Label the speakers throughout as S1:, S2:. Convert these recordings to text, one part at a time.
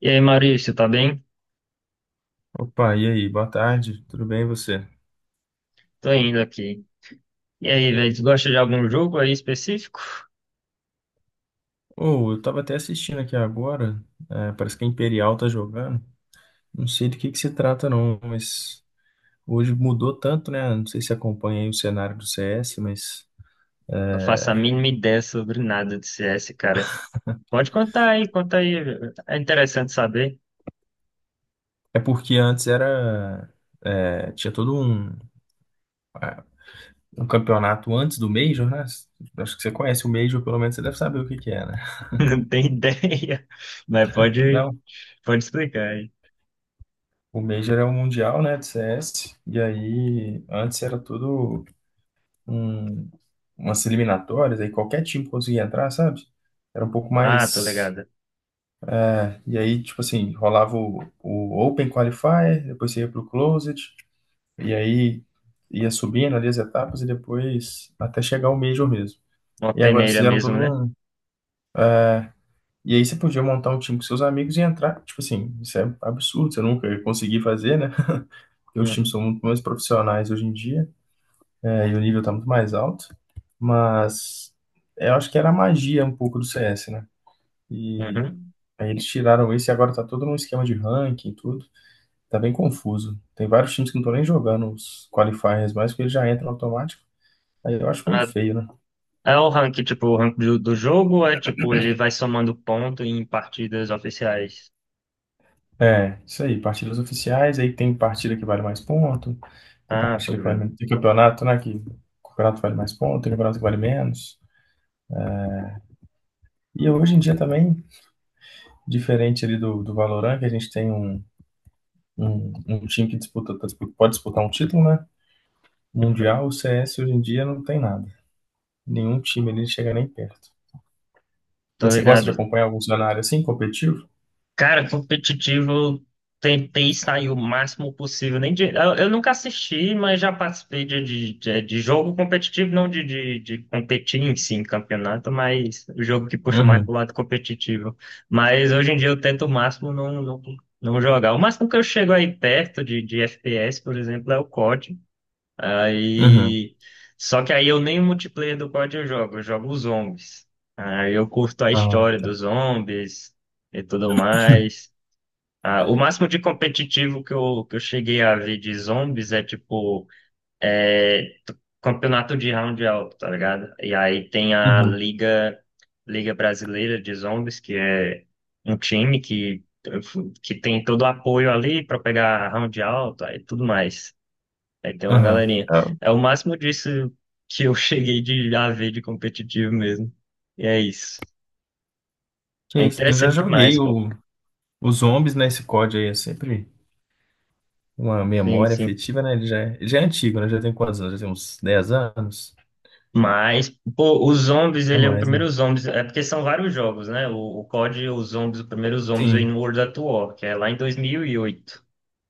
S1: E aí, Maurício, tá bem?
S2: Opa, e aí? Boa tarde, tudo bem e você?
S1: Tô indo aqui. E aí, velho, tu gosta de algum jogo aí específico?
S2: Ou eu tava até assistindo aqui agora, parece que a Imperial tá jogando. Não sei do que se trata não, mas hoje mudou tanto, né? Não sei se acompanha aí o cenário do CS, mas
S1: Não
S2: é
S1: faço a mínima ideia sobre nada de CS, cara. Pode contar aí, conta aí. É interessante saber.
S2: é porque antes era tinha todo um, ah, um campeonato antes do Major, né? Acho que você conhece o Major, pelo menos você deve saber o que que é, né?
S1: Não tem ideia. Mas pode,
S2: Não,
S1: pode explicar aí.
S2: o Major é o Mundial, né, de CS, e aí antes era tudo um- umas eliminatórias, aí qualquer time conseguia entrar, sabe? Era um pouco
S1: Ah, tô
S2: mais.
S1: ligado.
S2: E aí, tipo assim, rolava o Open Qualifier, depois você ia pro Closed, e aí ia subindo ali as etapas e depois até chegar o Major mesmo.
S1: Uma
S2: E agora eles
S1: peneira
S2: fizeram
S1: mesmo,
S2: todo
S1: né?
S2: um. E aí você podia montar um time com seus amigos e entrar. Tipo assim, isso é absurdo, você nunca ia conseguir fazer, né? Porque os times
S1: Uhum.
S2: são muito mais profissionais hoje em dia. E o nível tá muito mais alto. Mas eu acho que era a magia um pouco do CS, né? E
S1: Uhum.
S2: aí eles tiraram esse e agora tá todo num esquema de ranking e tudo. Tá bem confuso. Tem vários times que não estão nem jogando os qualifiers mais, porque eles já entram automático. Aí eu acho meio
S1: Ah,
S2: feio, né?
S1: é o rank, tipo, o rank do jogo, ou é tipo, ele vai somando ponto em partidas oficiais.
S2: É, isso aí, partidas oficiais, aí tem partida que vale mais ponto, tem
S1: Ah, tô
S2: partida que vale
S1: ligado.
S2: menos, tem campeonato, né, que campeonato vale mais ponto, tem campeonato que vale menos. E hoje em dia também, diferente ali do Valorant, que a gente tem um, um time que disputa, pode disputar um título, né?
S1: Uhum.
S2: Mundial, o CS hoje em dia não tem nada. Nenhum time ali chega nem perto.
S1: Tô
S2: Mas você gosta de
S1: ligado.
S2: acompanhar algum cenário assim, competitivo?
S1: Cara, competitivo, eu tentei sair o máximo possível. Nem de- eu nunca assisti, mas já participei de jogo competitivo, não de competir em si, em campeonato, mas o jogo que puxa mais
S2: Uhum,
S1: pro lado competitivo. Mas hoje em dia eu tento o máximo não jogar. O máximo que eu chego aí perto de FPS, por exemplo, é o COD.
S2: uhum.
S1: Aí. Só que aí eu nem o multiplayer do COD eu jogo os zombies. Aí eu curto a
S2: Ah,
S1: história
S2: tá.
S1: dos zombies e tudo mais. Ah, o máximo de competitivo que eu cheguei a ver de zombies é tipo é t- campeonato de round alto, tá ligado? E aí tem a
S2: Uhum,
S1: Liga Brasileira de Zombies, que é um time que tem todo o apoio ali pra pegar round alto e tudo mais. Aí tem uma
S2: uhum.
S1: galerinha.
S2: Ah,
S1: É o máximo disso que eu cheguei de a ver de competitivo mesmo. E é isso.
S2: que
S1: É
S2: isso. Eu já
S1: interessante demais,
S2: joguei
S1: pô.
S2: os zombies, né? Esse código aí é sempre uma
S1: Sim,
S2: memória
S1: sim.
S2: afetiva, né? Ele já, já é antigo, né? Já tem quantos anos? Já tem uns 10 anos?
S1: Mas, pô, os zombies,
S2: É
S1: ele é o
S2: mais, né?
S1: primeiro zombies. É porque são vários jogos, né? O COD, os zombies, o primeiro zombies vem
S2: Sim.
S1: no World at War, que é lá em 2008.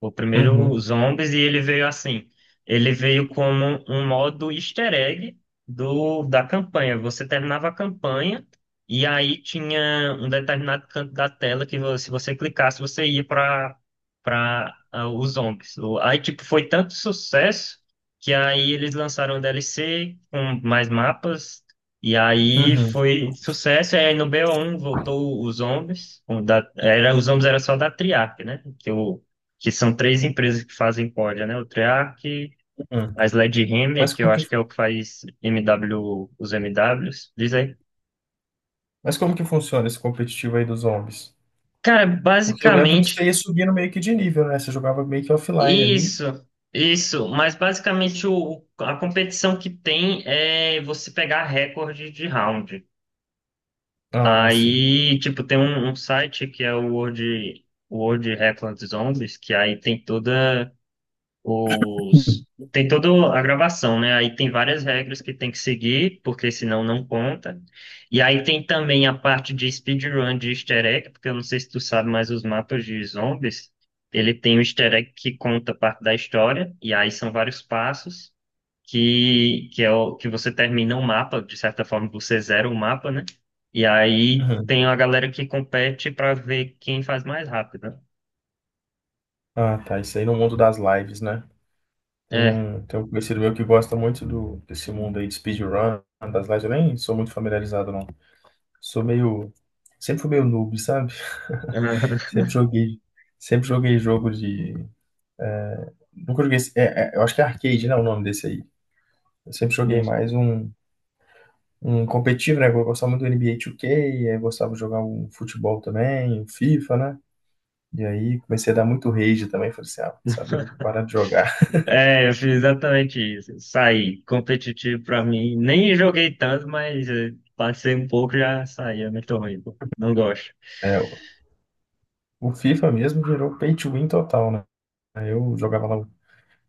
S1: O primeiro
S2: Uhum,
S1: Zombies, e ele veio assim. Ele veio como um modo easter egg da campanha. Você terminava a campanha e aí tinha um determinado canto da tela que se você clicasse, você ia para os zombies. Aí, tipo, foi tanto sucesso que aí eles lançaram o DLC com mais mapas. E aí
S2: uhum,
S1: foi sucesso, e aí no BO1 voltou os zombies. Era, os zombies era só da Triarch, né? Que são três empresas que fazem corda, né? O Treyarch,
S2: uhum.
S1: a Sledgehammer,
S2: Mas
S1: que eu
S2: como que,
S1: acho que é o que faz MW, os MWs, diz aí.
S2: mas como que funciona esse competitivo aí dos zombies?
S1: Cara,
S2: Porque eu lembro que você
S1: basicamente
S2: ia subindo meio que de nível, né? Você jogava meio que offline ali.
S1: isso, isso, mas basicamente a competição que tem é você pegar recorde de round.
S2: Ah, sim.
S1: Aí, tipo, tem um site que é o World Record Zombies, que aí os tem toda a gravação, né? Aí tem várias regras que tem que seguir, porque senão não conta. E aí tem também a parte de speedrun de easter egg, porque eu não sei se tu sabe, mas os mapas de zombies, ele tem um easter egg que conta parte da história, e aí são vários passos que é o que você termina o mapa, de certa forma você zera o mapa, né? E aí
S2: Uhum.
S1: tem a galera que compete para ver quem faz mais rápido. Né?
S2: Ah, tá. Isso aí no mundo das lives, né? Tem um conhecido meu que gosta muito do, desse mundo aí de speedrun, das lives. Eu nem sou muito familiarizado, não. Sou meio. Sempre fui meio noob, sabe?
S1: É.
S2: Sempre joguei. Sempre joguei jogo de. Nunca joguei. Eu acho que é arcade, né? O nome desse aí. Eu sempre joguei mais um, um competitivo, né? Eu gostava muito do NBA 2K, aí eu gostava de jogar um futebol também, um FIFA, né? E aí comecei a dar muito rage também. Falei assim, ah, quer saber, eu vou parar de jogar.
S1: É, eu fiz exatamente isso. Saí competitivo pra mim. Nem joguei tanto, mas passei um pouco e já saí. É muito ruim, pô. Não gosto.
S2: É, o FIFA mesmo virou pay to win total, né? Aí eu jogava lá o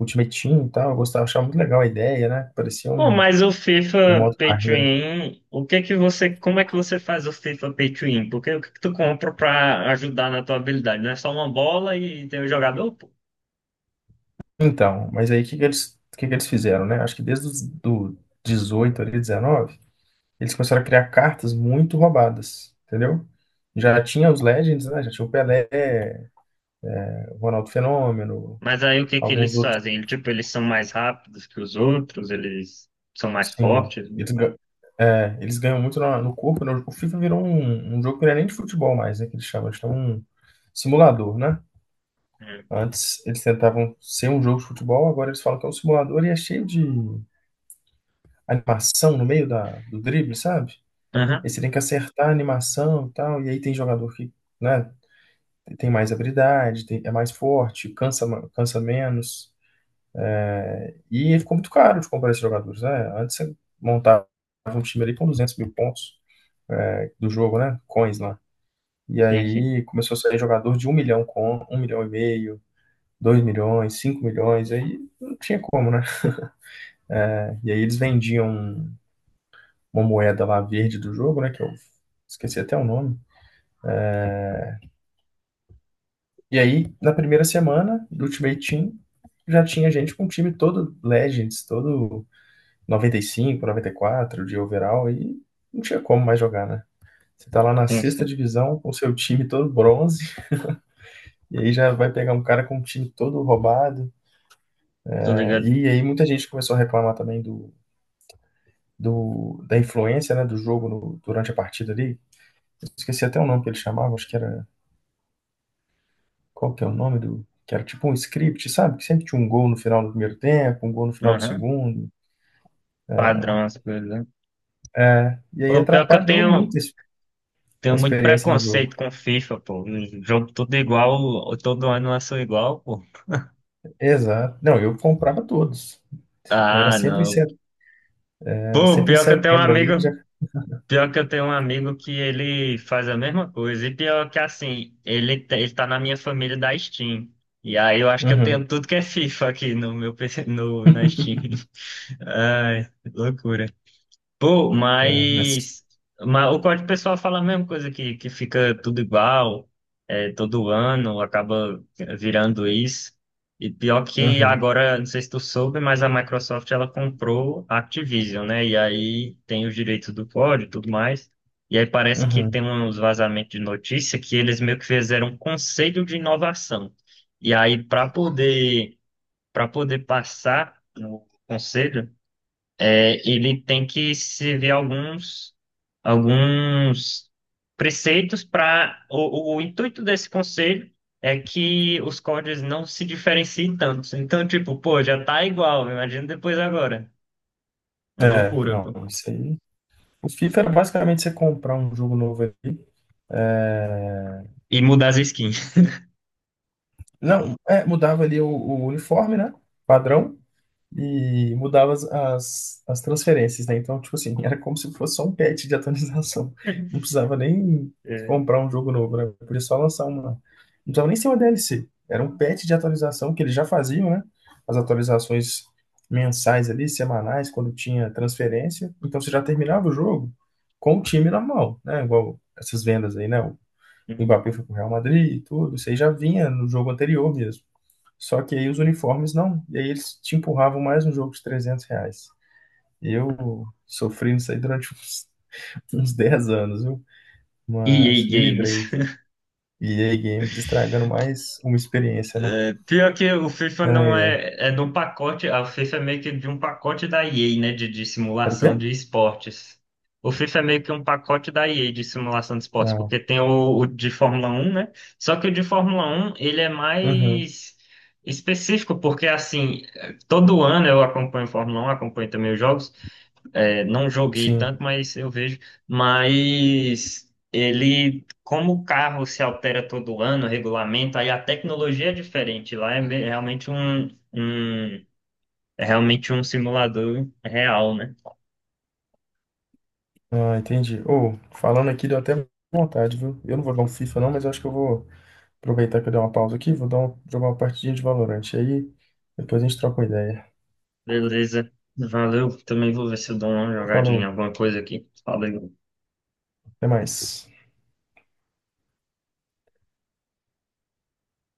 S2: Ultimate Team e tal, eu gostava, achava muito legal a ideia, né? Parecia
S1: Bom,
S2: um,
S1: mas o
S2: um
S1: FIFA
S2: modo
S1: Pay to
S2: carreira.
S1: Win, o que que você, como é que você faz o FIFA Pay to Win? Porque o que que tu compra pra ajudar na tua habilidade? Não é só uma bola e tem o jogador, pô.
S2: Então, mas aí o que que eles, o que que eles fizeram, né? Acho que desde os do 18 ali, 19 eles começaram a criar cartas muito roubadas, entendeu? Já tinha os Legends, né? Já tinha o Pelé, o Ronaldo Fenômeno,
S1: Mas aí o que que
S2: alguns
S1: eles
S2: outros.
S1: fazem? Tipo, eles são mais rápidos que os outros, eles são mais
S2: Sim,
S1: fortes. Né?
S2: eles, ga- eles ganham muito no corpo, né? O FIFA virou um, um jogo que não é nem de futebol mais, né? Que eles chamam, eles têm um simulador, né?
S1: Hum.
S2: Antes eles tentavam ser um jogo de futebol, agora eles falam que é um simulador e é cheio de animação no meio da, do drible, sabe? Aí
S1: Aham.
S2: você tem que acertar a animação e tal, e aí tem jogador que, né, tem mais habilidade, é mais forte, cansa, cansa menos. E ficou muito caro de comprar esses jogadores, né? Antes você montava um time ali com 200 mil pontos. Do jogo, né? Coins lá. E
S1: Sim, sim.
S2: aí começou a sair jogador de um milhão com um milhão e meio, 2 milhões, 5 milhões, aí não tinha como, né? É, e aí eles vendiam uma moeda lá verde do jogo, né? Que eu esqueci até o nome. E aí, na primeira semana do Ultimate Team, já tinha gente com um time todo Legends, todo noventa noventa e cinco noventa e quatro de overall, e não tinha como mais jogar, né? Você tá lá na
S1: Sim,
S2: sexta
S1: sim.
S2: divisão com o seu time todo bronze, e aí já vai pegar um cara com um time todo roubado.
S1: Tô ligado.
S2: E aí muita gente começou a reclamar também do, do, da influência, né, do jogo durante a partida ali. Eu esqueci até o nome que ele chamava, acho que era... Qual que é o nome do... Que era tipo um script, sabe? Que sempre tinha um gol no final do primeiro tempo, um gol no final do segundo.
S1: Padrão as coisas. Né?
S2: Né? E aí
S1: O pior que eu
S2: atrapalhou
S1: tenho,
S2: muito
S1: tenho
S2: a
S1: muito
S2: experiência do jogo.
S1: preconceito com FIFA, pô. Um jogo tudo igual, todo ano lançou igual, pô.
S2: Exato. Não, eu comprava todos. Era
S1: Ah,
S2: sempre em
S1: não.
S2: setembro, era
S1: Pô,
S2: sempre em setembro ali já.
S1: pior que eu tenho um amigo que ele faz a mesma coisa. E pior que assim, ele tá na minha família da Steam. E aí eu acho que eu
S2: Uhum,
S1: tenho tudo que é FIFA aqui no meu PC, no, na Steam. Ai, loucura. Pô,
S2: é, mas-
S1: mas o código pessoal fala a mesma coisa, que fica tudo igual, é, todo ano acaba virando isso. E pior que
S2: uhum,
S1: agora, não sei se tu soube, mas a Microsoft ela comprou a Activision, né? E aí tem os direitos do código e tudo mais. E aí parece que
S2: uhum.
S1: tem uns vazamentos de notícia que eles meio que fizeram um conselho de inovação. E aí, para poder passar no conselho, é, ele tem que se ver alguns preceitos para. O intuito desse conselho é que os códigos não se diferenciem tanto. Então, tipo, pô, já tá igual, imagina depois agora. Uma
S2: É,
S1: loucura,
S2: não,
S1: pô.
S2: isso aí o FIFA era basicamente você comprar um jogo novo ali. É,
S1: E mudar as skins.
S2: não, é, mudava ali o uniforme, né? Padrão. E mudava as transferências, né? Então, tipo assim, era como se fosse só um patch de atualização. Não precisava nem
S1: É.
S2: comprar um jogo novo, né? Podia só lançar uma. Não precisava nem ser uma DLC. Era um patch de atualização que eles já faziam, né? As atualizações mensais ali, semanais, quando tinha transferência. Então, você já terminava o jogo com o time na mão, né? Igual essas vendas aí, né? O
S1: Hum.
S2: Mbappé foi pro Real Madrid e tudo. Isso aí já vinha no jogo anterior mesmo. Só que aí os uniformes não. E aí eles te empurravam mais um jogo de 300 reais. Eu sofri isso aí durante uns, uns 10 anos, viu? Mas
S1: EA
S2: me
S1: Games.
S2: livrei. E aí Games estragando mais uma experiência, né?
S1: É, pior que o FIFA
S2: Ai,
S1: não
S2: ai.
S1: é, é de um pacote, a FIFA é meio que de um pacote da EA, né, de
S2: Era o quê?
S1: simulação de esportes. O FIFA é meio que um pacote da EA de simulação de esportes,
S2: Ah,
S1: porque tem o de Fórmula 1, né? Só que o de Fórmula 1, ele é
S2: uhum,
S1: mais específico, porque assim, todo ano eu acompanho Fórmula 1, acompanho também os jogos, não joguei
S2: sim.
S1: tanto, mas eu vejo. Mas ele, como o carro se altera todo ano, o regulamento, aí a tecnologia é diferente. Lá um, é realmente um simulador real, né?
S2: Ah, entendi. Ô, falando aqui, deu até vontade, viu? Eu não vou dar um FIFA não, mas eu acho que eu vou aproveitar que eu dei uma pausa aqui, jogar uma partidinha de Valorant. Aí depois a gente troca uma ideia.
S1: Beleza. Valeu. Também vou ver se eu dou uma
S2: Falou,
S1: jogadinha, alguma coisa aqui. Falei.
S2: até mais.